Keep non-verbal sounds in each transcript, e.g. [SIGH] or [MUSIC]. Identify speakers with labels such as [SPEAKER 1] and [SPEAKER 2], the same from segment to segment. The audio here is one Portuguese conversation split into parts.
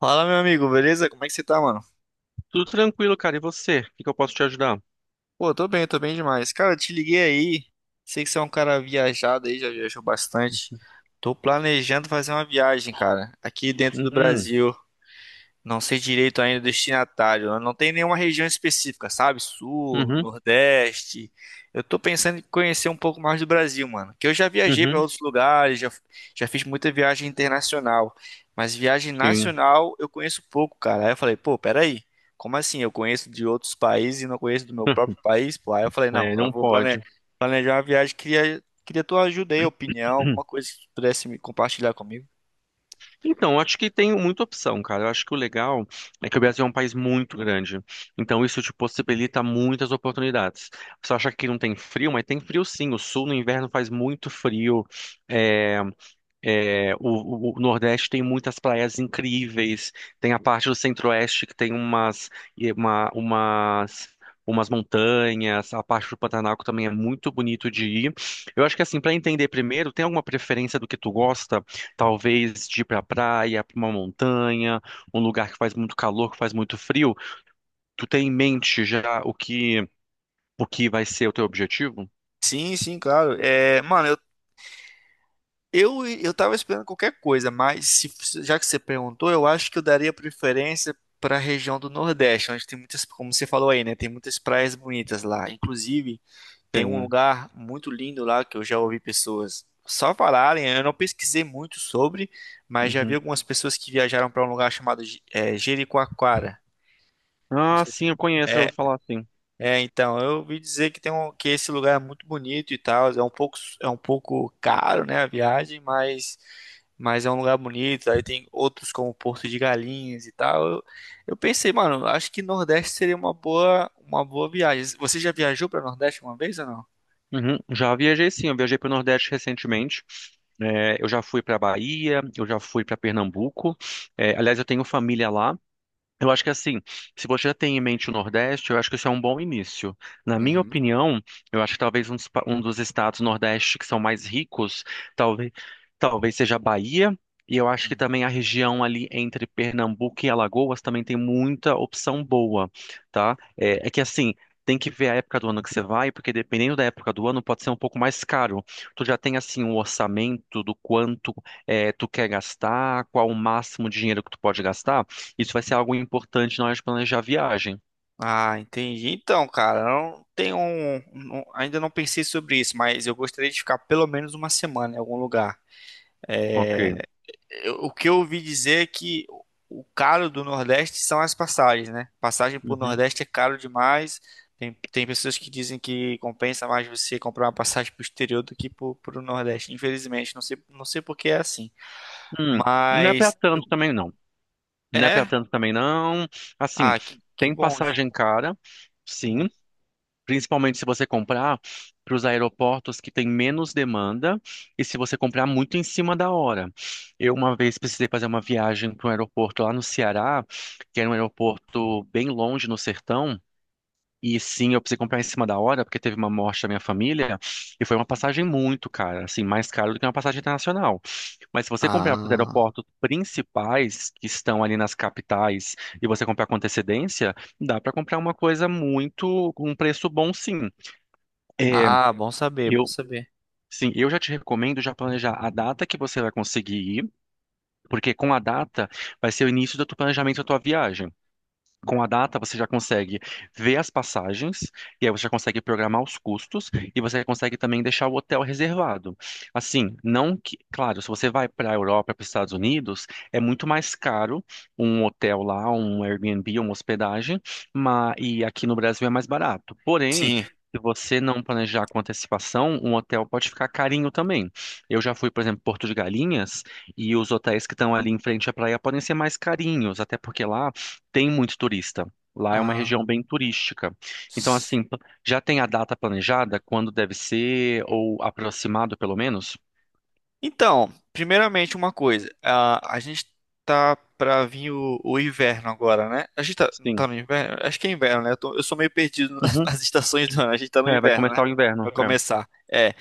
[SPEAKER 1] Fala, meu amigo, beleza? Como é que você tá, mano?
[SPEAKER 2] Tudo tranquilo, cara. E você? O que que eu posso te ajudar?
[SPEAKER 1] Pô, tô bem demais. Cara, eu te liguei aí. Sei que você é um cara viajado aí, já viajou bastante. Tô planejando fazer uma viagem, cara, aqui dentro do
[SPEAKER 2] Uhum,
[SPEAKER 1] Brasil. Não sei direito ainda o destinatário, né? Não tem nenhuma região específica, sabe? Sul,
[SPEAKER 2] uhum,
[SPEAKER 1] Nordeste. Eu tô pensando em conhecer um pouco mais do Brasil, mano. Que eu já viajei para
[SPEAKER 2] uhum,
[SPEAKER 1] outros lugares, já, já fiz muita viagem internacional. Mas viagem
[SPEAKER 2] sim.
[SPEAKER 1] nacional eu conheço pouco, cara. Aí eu falei, pô, peraí. Como assim? Eu conheço de outros países e não conheço do meu próprio país? Pô, aí eu falei, não,
[SPEAKER 2] É,
[SPEAKER 1] eu
[SPEAKER 2] não
[SPEAKER 1] vou
[SPEAKER 2] pode.
[SPEAKER 1] planejar uma viagem. Queria tua ajuda aí, opinião, alguma
[SPEAKER 2] [CLEARS THROAT]
[SPEAKER 1] coisa que tu pudesse me compartilhar comigo.
[SPEAKER 2] Então, eu acho que tem muita opção, cara. Eu acho que o legal é que o Brasil é um país muito grande. Então, isso te possibilita muitas oportunidades. Você acha que não tem frio, mas tem frio sim. O sul no inverno faz muito frio. É, é, o Nordeste tem muitas praias incríveis, tem a parte do Centro-Oeste que tem umas, e uma- umas, umas montanhas, a parte do Pantanal que também é muito bonito de ir. Eu acho que assim, para entender primeiro, tem alguma preferência do que tu gosta? Talvez de ir pra praia, pra uma montanha, um lugar que faz muito calor, que faz muito frio. Tu tem em mente já o que vai ser o teu objetivo?
[SPEAKER 1] Sim, sim, claro. É, mano, eu tava esperando qualquer coisa, mas já que você perguntou, eu acho que eu daria preferência para a região do Nordeste, onde tem muitas, como você falou aí, né? Tem muitas praias bonitas lá. Inclusive, tem um
[SPEAKER 2] Tem.
[SPEAKER 1] lugar muito lindo lá que eu já ouvi pessoas só falarem. Eu não pesquisei muito sobre, mas já vi
[SPEAKER 2] Uhum.
[SPEAKER 1] algumas pessoas que viajaram para um lugar chamado Jericoacoara. Não
[SPEAKER 2] Ah,
[SPEAKER 1] sei se...
[SPEAKER 2] sim, eu conheço, já
[SPEAKER 1] é,
[SPEAKER 2] vou falar, sim.
[SPEAKER 1] é, então, eu ouvi dizer que tem um, que esse lugar é muito bonito e tal, é um pouco caro, né, a viagem, mas é um lugar bonito, aí tem outros como Porto de Galinhas e tal. Eu pensei, mano, acho que Nordeste seria uma boa viagem. Você já viajou para Nordeste uma vez ou não?
[SPEAKER 2] Uhum. Já viajei sim, eu viajei para o Nordeste recentemente. É, eu já fui para Bahia, eu já fui para Pernambuco. É, aliás, eu tenho família lá. Eu acho que assim, se você já tem em mente o Nordeste, eu acho que isso é um bom início. Na minha
[SPEAKER 1] Uhum.
[SPEAKER 2] opinião, eu acho que talvez um dos estados Nordeste que são mais ricos, talvez, talvez seja a Bahia, e eu acho que
[SPEAKER 1] Hum.
[SPEAKER 2] também a região ali entre Pernambuco e Alagoas também tem muita opção boa, tá? É, é que assim, tem que ver a época do ano que você vai, porque dependendo da época do ano pode ser um pouco mais caro. Tu já tem assim um orçamento do quanto é, tu quer gastar, qual o máximo de dinheiro que tu pode gastar? Isso vai ser algo importante na hora de planejar a viagem.
[SPEAKER 1] Ah, entendi. Então, cara, eu não tenho um, ainda não pensei sobre isso, mas eu gostaria de ficar pelo menos uma semana em algum lugar. É,
[SPEAKER 2] Ok.
[SPEAKER 1] o que eu ouvi dizer é que o caro do Nordeste são as passagens, né? Passagem pro
[SPEAKER 2] Uhum.
[SPEAKER 1] Nordeste é caro demais. Tem pessoas que dizem que compensa mais você comprar uma passagem pro exterior do que pro Nordeste. Infelizmente, não sei, não sei por que é assim.
[SPEAKER 2] Hum, não é pra
[SPEAKER 1] Mas
[SPEAKER 2] tanto também não. Não é pra
[SPEAKER 1] é.
[SPEAKER 2] tanto também não. Assim,
[SPEAKER 1] Ah, que
[SPEAKER 2] tem
[SPEAKER 1] bom. Ju.
[SPEAKER 2] passagem cara, sim. Principalmente se você comprar para os aeroportos que tem menos demanda e se você comprar muito em cima da hora. Eu uma vez precisei fazer uma viagem para um aeroporto lá no Ceará, que era um aeroporto bem longe no sertão. E sim, eu precisei comprar em cima da hora, porque teve uma morte da minha família, e foi uma passagem muito cara, assim, mais cara do que uma passagem internacional. Mas se você comprar para os
[SPEAKER 1] Ah,
[SPEAKER 2] aeroportos principais, que estão ali nas capitais, e você comprar com antecedência, dá para comprar uma coisa muito, com um preço bom, sim. É,
[SPEAKER 1] ah, bom saber, bom
[SPEAKER 2] eu.
[SPEAKER 1] saber.
[SPEAKER 2] Sim, eu já te recomendo já planejar a data que você vai conseguir ir, porque com a data vai ser o início do teu planejamento da tua viagem. Com a data, você já consegue ver as passagens, e aí você já consegue programar os custos, e você consegue também deixar o hotel reservado. Assim, não que, claro, se você vai para a Europa, para os Estados Unidos, é muito mais caro um hotel lá, um Airbnb, uma hospedagem, mas, e aqui no Brasil é mais barato. Porém,
[SPEAKER 1] Sim.
[SPEAKER 2] se você não planejar com antecipação, um hotel pode ficar carinho também. Eu já fui, por exemplo, Porto de Galinhas, e os hotéis que estão ali em frente à praia podem ser mais carinhos, até porque lá tem muito turista. Lá é uma
[SPEAKER 1] Ah.
[SPEAKER 2] região bem turística. Então, assim, p- já tem a data planejada, quando deve ser, ou aproximado pelo menos?
[SPEAKER 1] Então, primeiramente uma coisa, a gente tá pra vir o inverno agora, né? A gente tá, tá
[SPEAKER 2] Sim.
[SPEAKER 1] no inverno? Acho que é inverno, né? Eu, eu sou meio perdido [LAUGHS]
[SPEAKER 2] Uhum.
[SPEAKER 1] nas estações do ano, a gente tá no
[SPEAKER 2] É, vai
[SPEAKER 1] inverno, né?
[SPEAKER 2] começar o
[SPEAKER 1] Vai
[SPEAKER 2] inverno. É.
[SPEAKER 1] começar. É,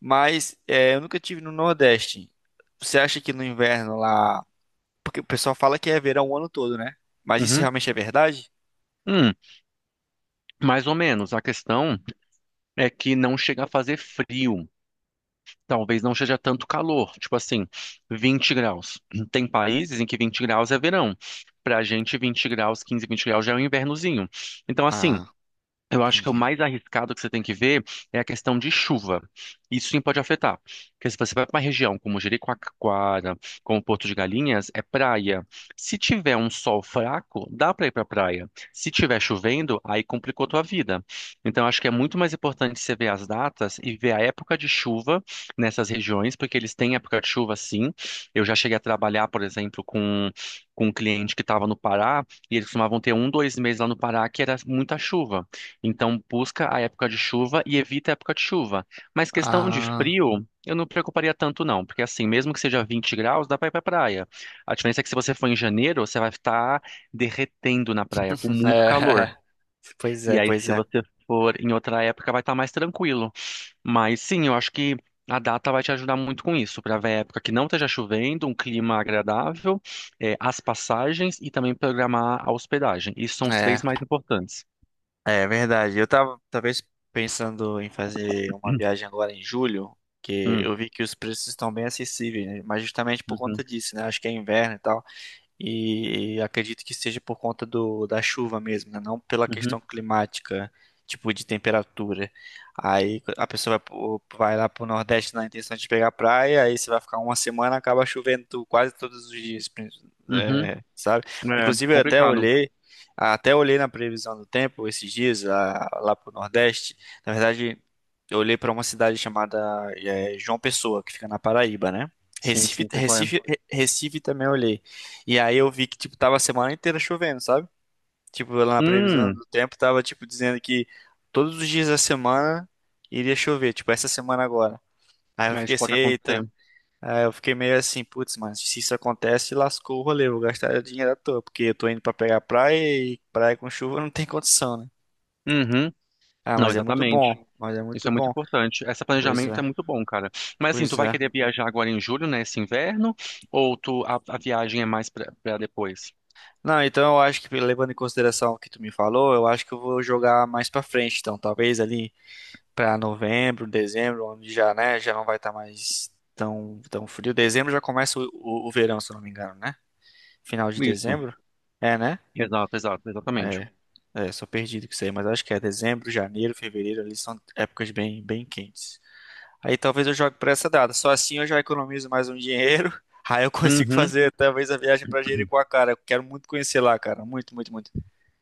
[SPEAKER 1] mas é, eu nunca tive no Nordeste. Você acha que no inverno lá. Porque o pessoal fala que é verão o ano todo, né? Mas isso
[SPEAKER 2] Uhum.
[SPEAKER 1] realmente é verdade?
[SPEAKER 2] Hum, mais ou menos. A questão é que não chega a fazer frio. Talvez não seja tanto calor, tipo assim, 20 graus. Tem países em que 20 graus é verão. Pra gente, 15, 20 graus já é um invernozinho. Então, assim,
[SPEAKER 1] Ah,
[SPEAKER 2] eu acho que é o
[SPEAKER 1] entendi.
[SPEAKER 2] mais arriscado que você tem que ver é a questão de chuva. Isso sim pode afetar. Porque se você vai para uma região como Jericoacoara, como Porto de Galinhas, é praia. Se tiver um sol fraco, dá para ir para praia. Se tiver chovendo, aí complicou tua vida. Então eu acho que é muito mais importante você ver as datas e ver a época de chuva nessas regiões, porque eles têm época de chuva sim. Eu já cheguei a trabalhar, por exemplo, com um cliente que estava no Pará e eles costumavam ter um, dois meses lá no Pará que era muita chuva. Então, busca a época de chuva e evita a época de chuva. Mas questão de
[SPEAKER 1] Ah,
[SPEAKER 2] frio, eu não me preocuparia tanto, não, porque assim, mesmo que seja 20 graus, dá pra ir pra praia. A diferença é que se você for em janeiro, você vai estar derretendo na praia, com
[SPEAKER 1] [LAUGHS]
[SPEAKER 2] muito calor.
[SPEAKER 1] é. Pois
[SPEAKER 2] E
[SPEAKER 1] é,
[SPEAKER 2] aí,
[SPEAKER 1] pois
[SPEAKER 2] se
[SPEAKER 1] é.
[SPEAKER 2] você for em outra época, vai estar mais tranquilo. Mas sim, eu acho que a data vai te ajudar muito com isso, para ver a época que não esteja chovendo, um clima agradável, as passagens e também programar a hospedagem. Isso são os três
[SPEAKER 1] É.
[SPEAKER 2] mais importantes.
[SPEAKER 1] É verdade. Eu tava talvez pensando em fazer uma
[SPEAKER 2] [CLEARS THROAT]
[SPEAKER 1] viagem agora em julho, que
[SPEAKER 2] Hum,
[SPEAKER 1] eu vi que os preços estão bem acessíveis, né? Mas justamente por conta
[SPEAKER 2] uhum,
[SPEAKER 1] disso, né? Acho que é inverno e tal. E acredito que seja por conta do, da chuva mesmo, né? Não pela questão
[SPEAKER 2] uhum.
[SPEAKER 1] climática, tipo de temperatura. Aí a pessoa vai, vai lá pro Nordeste na intenção de pegar praia, aí você vai ficar uma semana, acaba chovendo quase todos os dias,
[SPEAKER 2] Uhum.
[SPEAKER 1] é, sabe?
[SPEAKER 2] É
[SPEAKER 1] Inclusive eu
[SPEAKER 2] complicado.
[SPEAKER 1] até olhei na previsão do tempo esses dias lá, lá pro Nordeste. Na verdade, eu olhei para uma cidade chamada é, João Pessoa, que fica na Paraíba, né?
[SPEAKER 2] Sim,
[SPEAKER 1] Recife,
[SPEAKER 2] sim, sei qual é.
[SPEAKER 1] Recife, Recife também eu olhei. E aí eu vi que, tipo, tava a semana inteira chovendo, sabe? Tipo, lá na previsão
[SPEAKER 2] Hum,
[SPEAKER 1] do tempo tava, tipo, dizendo que todos os dias da semana iria chover, tipo, essa semana agora. Aí eu
[SPEAKER 2] é,
[SPEAKER 1] fiquei
[SPEAKER 2] isso
[SPEAKER 1] assim,
[SPEAKER 2] pode
[SPEAKER 1] eita.
[SPEAKER 2] acontecer.
[SPEAKER 1] Aí eu fiquei meio assim, putz, mas se isso acontece, lascou o rolê, eu vou gastar dinheiro à toa, porque eu tô indo pra pegar praia e praia com chuva não tem condição, né?
[SPEAKER 2] Uhum.
[SPEAKER 1] Ah,
[SPEAKER 2] Não,
[SPEAKER 1] mas é muito
[SPEAKER 2] exatamente.
[SPEAKER 1] bom, mas é
[SPEAKER 2] Isso
[SPEAKER 1] muito
[SPEAKER 2] é muito
[SPEAKER 1] bom.
[SPEAKER 2] importante. Esse
[SPEAKER 1] Pois
[SPEAKER 2] planejamento
[SPEAKER 1] é,
[SPEAKER 2] é muito bom, cara. Mas assim, tu
[SPEAKER 1] pois
[SPEAKER 2] vai
[SPEAKER 1] é.
[SPEAKER 2] querer viajar agora em julho, né? Esse inverno? Ou tu, a viagem é mais pra, pra depois?
[SPEAKER 1] Não, então eu acho que levando em consideração o que tu me falou, eu acho que eu vou jogar mais pra frente, então, talvez ali para novembro, dezembro, onde já, né, já não vai estar mais tão, tão frio. Dezembro já começa o verão, se eu não me engano, né? Final de
[SPEAKER 2] Isso.
[SPEAKER 1] dezembro? É, né?
[SPEAKER 2] Exato, exato, exatamente.
[SPEAKER 1] É, é, sou perdido com isso aí, mas acho que é dezembro, janeiro, fevereiro, ali são épocas bem, bem quentes. Aí talvez eu jogue para essa data. Só assim eu já economizo mais um dinheiro. [LAUGHS] Aí eu consigo
[SPEAKER 2] Uhum.
[SPEAKER 1] fazer talvez a viagem para Jericoacoara. Eu quero muito conhecer lá, cara. Muito, muito, muito.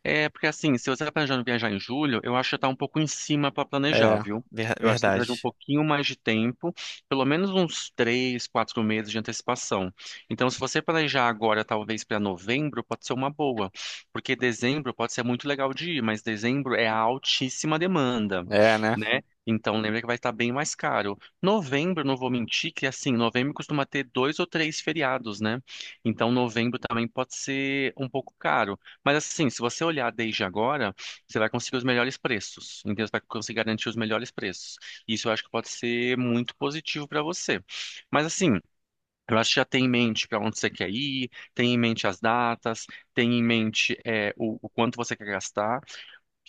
[SPEAKER 2] É, porque assim, se você tá planejando viajar em julho, eu acho que tá um pouco em cima para planejar,
[SPEAKER 1] É,
[SPEAKER 2] viu? Eu acho que você precisa de um
[SPEAKER 1] verdade.
[SPEAKER 2] pouquinho mais de tempo, pelo menos uns três, quatro meses de antecipação. Então, se você planejar agora, talvez para novembro, pode ser uma boa, porque dezembro pode ser muito legal de ir, mas dezembro é a altíssima demanda,
[SPEAKER 1] É, né?
[SPEAKER 2] né? Então, lembra que vai estar bem mais caro. Novembro, não vou mentir, que assim, novembro costuma ter dois ou três feriados, né? Então, novembro também pode ser um pouco caro. Mas assim, se você olhar desde agora, você vai conseguir os melhores preços. Então você vai conseguir garantir os melhores preços. Isso eu acho que pode ser muito positivo para você. Mas assim, eu acho que já tem em mente para onde você quer ir, tem em mente as datas, tem em mente é, o quanto você quer gastar.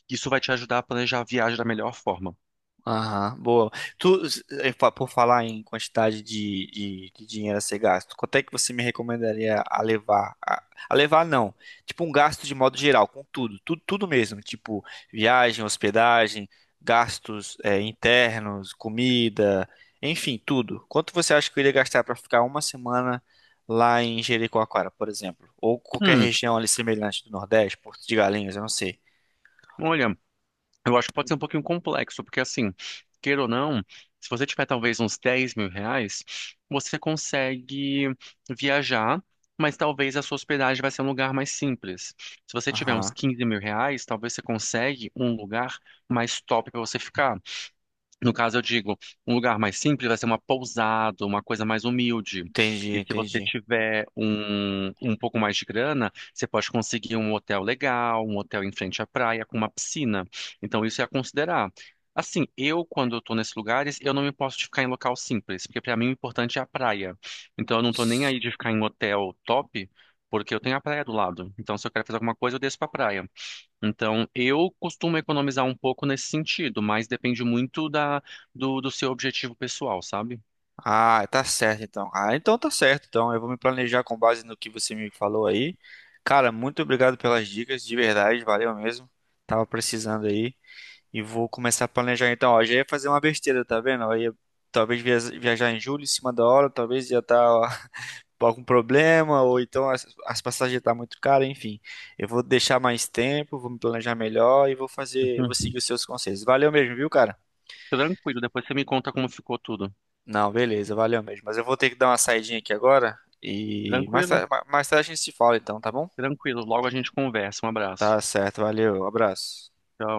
[SPEAKER 2] Isso vai te ajudar a planejar a viagem da melhor forma.
[SPEAKER 1] Aham, boa. Tu, por falar em quantidade de dinheiro a ser gasto, quanto é que você me recomendaria a levar? A levar não, tipo um gasto de modo geral, com tudo, tudo, tudo mesmo, tipo viagem, hospedagem, gastos, internos, comida, enfim, tudo. Quanto você acha que eu iria gastar para ficar uma semana lá em Jericoacoara, por exemplo? Ou qualquer
[SPEAKER 2] Hum,
[SPEAKER 1] região ali semelhante do Nordeste, Porto de Galinhas, eu não sei.
[SPEAKER 2] olha. Eu acho que pode ser um pouquinho complexo, porque assim, queira ou não, se você tiver talvez uns R$ 10.000, você consegue viajar, mas talvez a sua hospedagem vai ser um lugar mais simples. Se você tiver uns
[SPEAKER 1] Aham,
[SPEAKER 2] R$ 15.000, talvez você consegue um lugar mais top para você ficar. No caso, eu digo, um lugar mais simples vai ser uma pousada, uma coisa mais humilde.
[SPEAKER 1] entendi,
[SPEAKER 2] E se você
[SPEAKER 1] entendi.
[SPEAKER 2] tiver um, um pouco mais de grana, você pode conseguir um hotel legal, um hotel em frente à praia, com uma piscina. Então, isso é a considerar. Assim, eu, quando eu tô nesses lugares, eu não me posso de ficar em local simples, porque para mim o importante é a praia. Então, eu não tô nem aí de ficar em hotel top, porque eu tenho a praia do lado. Então, se eu quero fazer alguma coisa, eu desço pra praia. Então, eu costumo economizar um pouco nesse sentido, mas depende muito da, do seu objetivo pessoal, sabe?
[SPEAKER 1] Ah, tá certo então. Ah, então tá certo. Então eu vou me planejar com base no que você me falou aí. Cara, muito obrigado pelas dicas, de verdade, valeu mesmo. Tava precisando aí e vou começar a planejar então. Ó, já ia fazer uma besteira, tá vendo? Ó, ia talvez viajar em julho em cima da hora, talvez ia estar [LAUGHS] com algum problema ou então as passagens tá muito caras, enfim. Eu vou deixar mais tempo, vou me planejar melhor e vou fazer, vou
[SPEAKER 2] Uhum.
[SPEAKER 1] seguir os seus conselhos. Valeu mesmo, viu, cara?
[SPEAKER 2] Tranquilo, depois você me conta como ficou tudo.
[SPEAKER 1] Não, beleza, valeu mesmo. Mas eu vou ter que dar uma saidinha aqui agora e
[SPEAKER 2] Tranquilo?
[SPEAKER 1] mais tarde a gente se fala então, tá bom?
[SPEAKER 2] Tranquilo. Logo a gente conversa. Um abraço.
[SPEAKER 1] Tá certo, valeu, abraço.
[SPEAKER 2] Tchau.